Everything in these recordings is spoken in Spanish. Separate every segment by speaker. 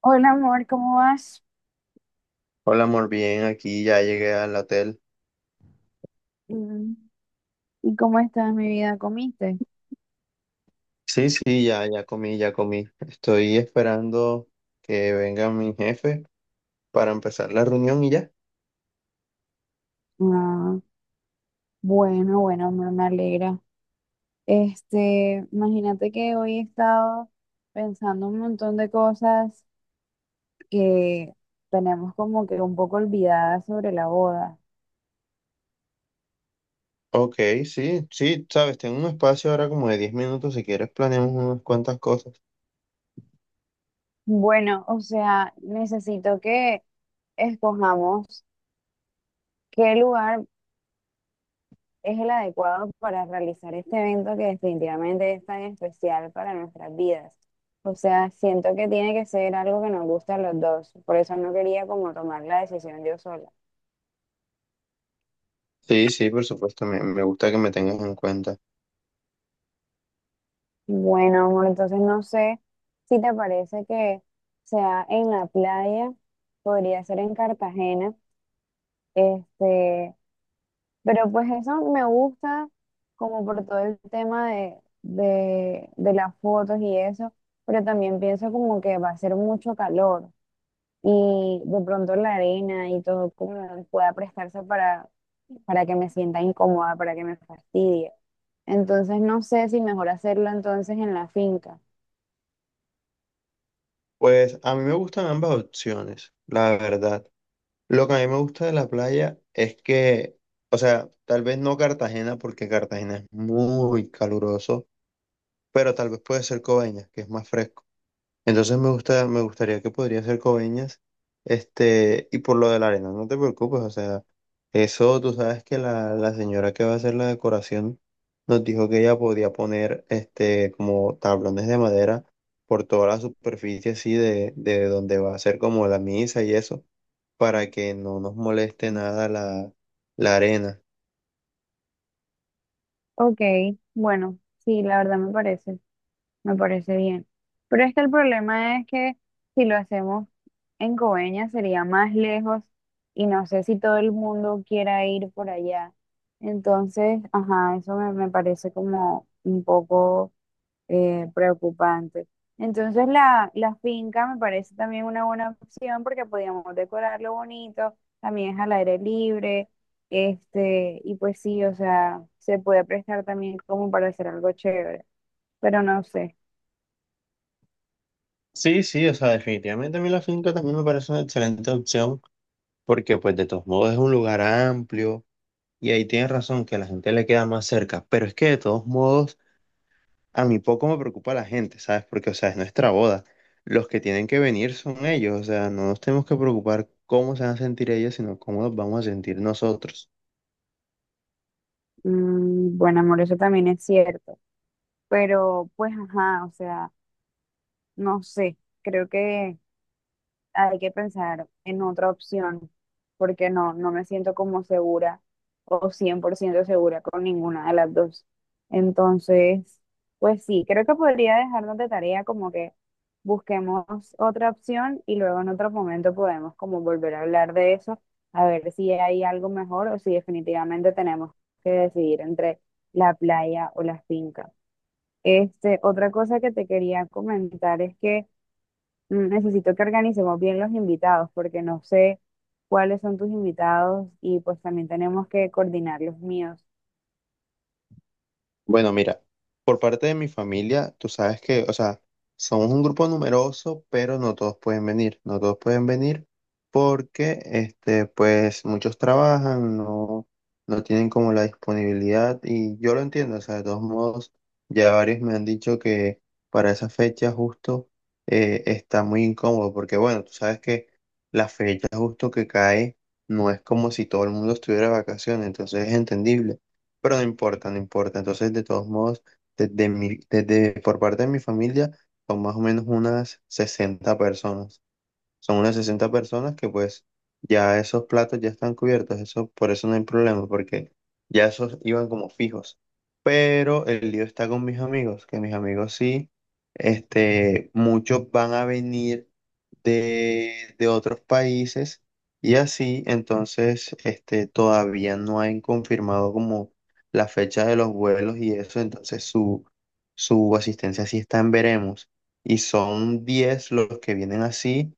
Speaker 1: Hola, amor, ¿cómo vas?
Speaker 2: Hola, amor, bien, aquí ya llegué al hotel.
Speaker 1: Mm. ¿Y cómo estás, mi vida? ¿Comiste?
Speaker 2: Sí, sí, ya comí, Estoy esperando que venga mi jefe para empezar la reunión y ya.
Speaker 1: Ah, bueno, bueno, amor, me alegra. Imagínate que hoy he estado pensando un montón de cosas que tenemos como que un poco olvidadas sobre la boda.
Speaker 2: Ok, sí, sí, sabes, tengo un espacio ahora como de 10 minutos, si quieres planeamos unas cuantas cosas.
Speaker 1: Bueno, o sea, necesito que escojamos qué lugar es el adecuado para realizar este evento que definitivamente es tan especial para nuestras vidas. O sea, siento que tiene que ser algo que nos guste a los dos. Por eso no quería como tomar la decisión yo sola.
Speaker 2: Sí, sí, por supuesto, me gusta que me tengas en cuenta.
Speaker 1: Bueno, amor, entonces no sé si te parece que sea en la playa, podría ser en Cartagena, este, pero pues eso me gusta como por todo el tema de las fotos y eso, pero también pienso como que va a ser mucho calor, y de pronto la arena y todo como pueda prestarse para que me sienta incómoda, para que me fastidie. Entonces no sé si mejor hacerlo entonces en la finca.
Speaker 2: Pues a mí me gustan ambas opciones, la verdad. Lo que a mí me gusta de la playa es que, o sea, tal vez no Cartagena, porque Cartagena es muy caluroso, pero tal vez puede ser Coveñas, que es más fresco. Entonces me gusta, me gustaría que podría ser Coveñas, y por lo de la arena, no te preocupes, o sea, eso tú sabes que la señora que va a hacer la decoración nos dijo que ella podía poner, como tablones de madera por toda la superficie, así de donde va a ser como la misa y eso, para que no nos moleste nada la arena.
Speaker 1: Ok, bueno, sí, la verdad me parece bien. Pero es que el problema es que si lo hacemos en Coveñas sería más lejos y no sé si todo el mundo quiera ir por allá. Entonces, ajá, eso me parece como un poco preocupante. Entonces la finca me parece también una buena opción porque podíamos decorarlo bonito, también es al aire libre, y pues sí, o sea, se puede prestar también como para hacer algo chévere, pero no sé.
Speaker 2: Sí, sí, o sea, definitivamente a mí la finca también me parece una excelente opción, porque pues de todos modos es un lugar amplio y ahí tienes razón que a la gente le queda más cerca, pero es que de todos modos a mí poco me preocupa la gente, ¿sabes? Porque, o sea, es nuestra boda, los que tienen que venir son ellos, o sea, no nos tenemos que preocupar cómo se van a sentir ellos, sino cómo nos vamos a sentir nosotros.
Speaker 1: Bueno, amor, eso también es cierto, pero pues ajá, o sea, no sé, creo que hay que pensar en otra opción, porque no, no me siento como segura o 100% segura con ninguna de las dos. Entonces, pues sí, creo que podría dejarnos de tarea como que busquemos otra opción y luego en otro momento podemos como volver a hablar de eso, a ver si hay algo mejor o si definitivamente tenemos que decidir entre la playa o la finca. Otra cosa que te quería comentar es que necesito que organicemos bien los invitados porque no sé cuáles son tus invitados y pues también tenemos que coordinar los míos.
Speaker 2: Bueno, mira, por parte de mi familia, tú sabes que, o sea, somos un grupo numeroso, pero no todos pueden venir. No todos pueden venir porque, pues, muchos trabajan, no tienen como la disponibilidad y yo lo entiendo, o sea, de todos modos, ya varios me han dicho que para esa fecha justo está muy incómodo porque, bueno, tú sabes que la fecha justo que cae no es como si todo el mundo estuviera de vacaciones, entonces es entendible. Pero no importa, no importa. Entonces, de todos modos, desde por parte de mi familia, son más o menos unas 60 personas. Son unas 60 personas que pues ya esos platos ya están cubiertos, eso, por eso no hay problema, porque ya esos iban como fijos. Pero el lío está con mis amigos, que mis amigos sí, muchos van a venir de otros países y así. Entonces, todavía no han confirmado como la fecha de los vuelos y eso, entonces su asistencia sí está en veremos, y son 10 los que vienen así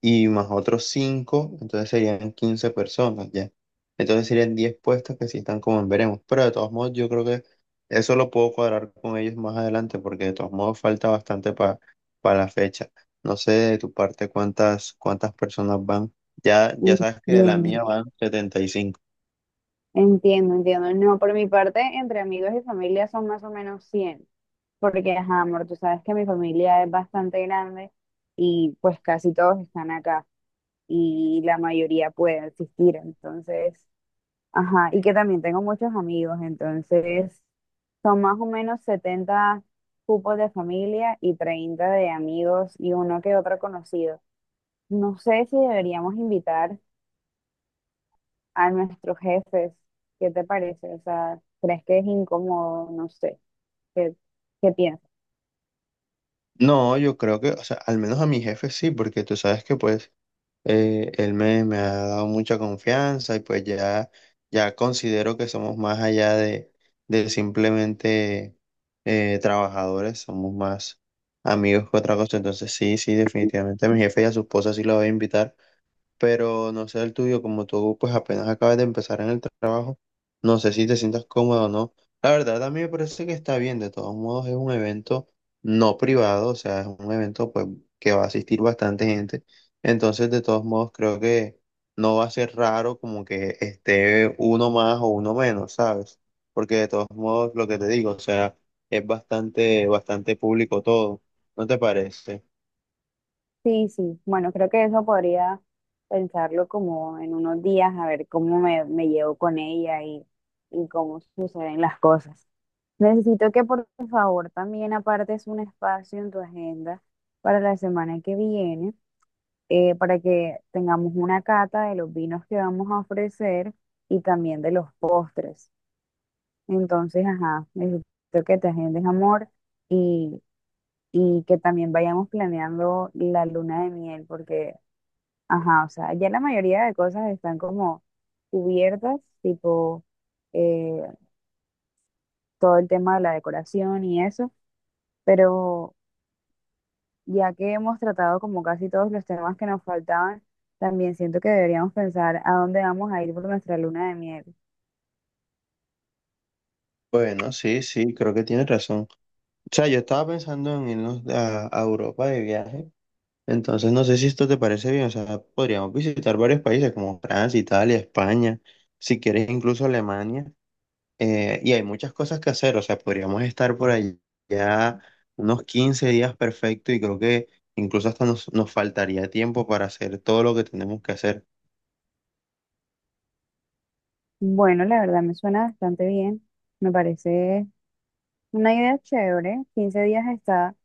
Speaker 2: y más otros cinco, entonces serían 15 personas ya. Entonces serían 10 puestos que sí están como en veremos. Pero de todos modos, yo creo que eso lo puedo cuadrar con ellos más adelante porque de todos modos falta bastante para la fecha. No sé de tu parte cuántas personas van. Ya, ya sabes que de la
Speaker 1: Entiendo,
Speaker 2: mía van 75.
Speaker 1: entiendo, entiendo. No, por mi parte, entre amigos y familia son más o menos 100 porque, ajá, amor, tú sabes que mi familia es bastante grande y pues casi todos están acá y la mayoría puede asistir. Entonces, ajá, y que también tengo muchos amigos, entonces son más o menos 70 cupos de familia y 30 de amigos y uno que otro conocido. No sé si deberíamos invitar a nuestros jefes, ¿qué te parece? O sea, ¿crees que es incómodo? No sé, ¿qué, qué piensas?
Speaker 2: No, yo creo que, o sea, al menos a mi jefe sí, porque tú sabes que pues él me ha dado mucha confianza y pues ya considero que somos más allá de simplemente trabajadores, somos más amigos que otra cosa. Entonces sí, sí, definitivamente a mi jefe y a su esposa sí la voy a invitar, pero no sé el tuyo, como tú pues apenas acabas de empezar en el trabajo, no sé si te sientas cómodo o no. La verdad, a mí me parece que está bien, de todos modos es un evento no privado, o sea, es un evento pues que va a asistir bastante gente, entonces de todos modos creo que no va a ser raro como que esté uno más o uno menos, ¿sabes? Porque de todos modos lo que te digo, o sea, es bastante, bastante público todo, ¿no te parece?
Speaker 1: Sí, sí, bueno, creo que eso podría pensarlo como en unos días, a ver cómo me llevo con ella y cómo suceden las cosas. Necesito que por favor también apartes un espacio en tu agenda para la semana que viene, para que tengamos una cata de los vinos que vamos a ofrecer y también de los postres. Entonces, ajá, necesito que te agendes, amor, y, y que también vayamos planeando la luna de miel, porque, ajá, o sea, ya la mayoría de cosas están como cubiertas, tipo eh, todo el tema de la decoración y eso, pero ya que hemos tratado como casi todos los temas que nos faltaban, también siento que deberíamos pensar a dónde vamos a ir por nuestra luna de miel.
Speaker 2: Bueno, sí, sí, creo que tienes razón. O sea, yo estaba pensando en irnos a Europa de viaje, entonces no sé si esto te parece bien, o sea, podríamos visitar varios países como Francia, Italia, España, si quieres incluso Alemania. Y hay muchas cosas que hacer, o sea, podríamos estar por allá unos 15 días perfecto, y creo que incluso hasta nos faltaría tiempo para hacer todo lo que tenemos que hacer.
Speaker 1: Bueno, la verdad me suena bastante bien, me parece una idea chévere, 15 días está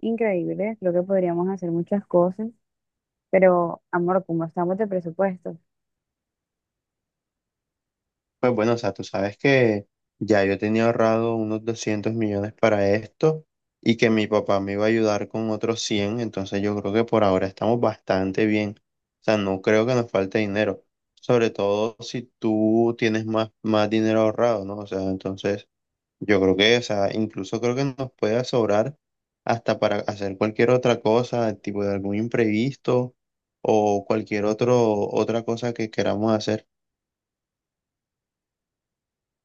Speaker 1: increíble, creo que podríamos hacer muchas cosas, pero amor, ¿cómo estamos de presupuesto?
Speaker 2: Pues bueno, o sea, tú sabes que ya yo tenía ahorrado unos 200 millones para esto y que mi papá me iba a ayudar con otros 100, entonces yo creo que por ahora estamos bastante bien. O sea, no creo que nos falte dinero, sobre todo si tú tienes más, más dinero ahorrado, ¿no? O sea, entonces yo creo que, o sea, incluso creo que nos puede sobrar hasta para hacer cualquier otra cosa, tipo de algún imprevisto o cualquier otro, otra cosa que queramos hacer.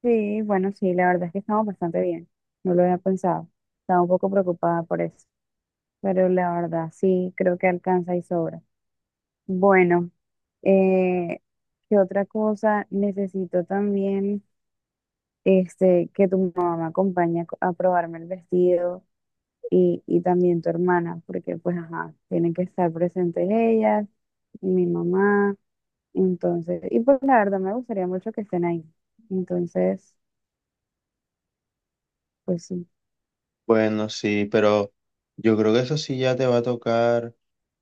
Speaker 1: Sí, bueno, sí, la verdad es que estamos bastante bien, no lo había pensado, estaba un poco preocupada por eso, pero la verdad sí, creo que alcanza y sobra. Bueno, eh, ¿qué otra cosa? Necesito también que tu mamá me acompañe a probarme el vestido y también tu hermana, porque pues ajá, tienen que estar presentes ellas y mi mamá. Entonces, y pues la verdad me gustaría mucho que estén ahí. Entonces, pues sí.
Speaker 2: Bueno, sí, pero yo creo que eso sí ya te va a tocar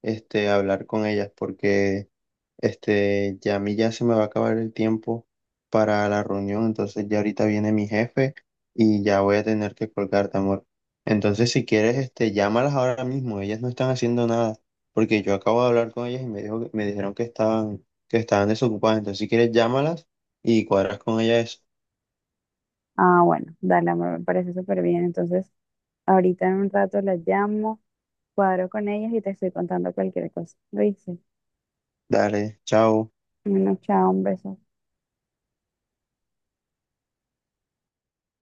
Speaker 2: hablar con ellas, porque ya a mí ya se me va a acabar el tiempo para la reunión, entonces ya ahorita viene mi jefe y ya voy a tener que colgarte, amor. Entonces, si quieres, llámalas ahora mismo, ellas no están haciendo nada, porque yo acabo de hablar con ellas y me dijeron que estaban desocupadas, entonces si quieres llámalas y cuadras con ellas eso.
Speaker 1: Ah, bueno, dale, amor, me parece súper bien. Entonces, ahorita en un rato las llamo, cuadro con ellas y te estoy contando cualquier cosa. Lo hice.
Speaker 2: Dale, chao.
Speaker 1: Bueno, chao, un beso.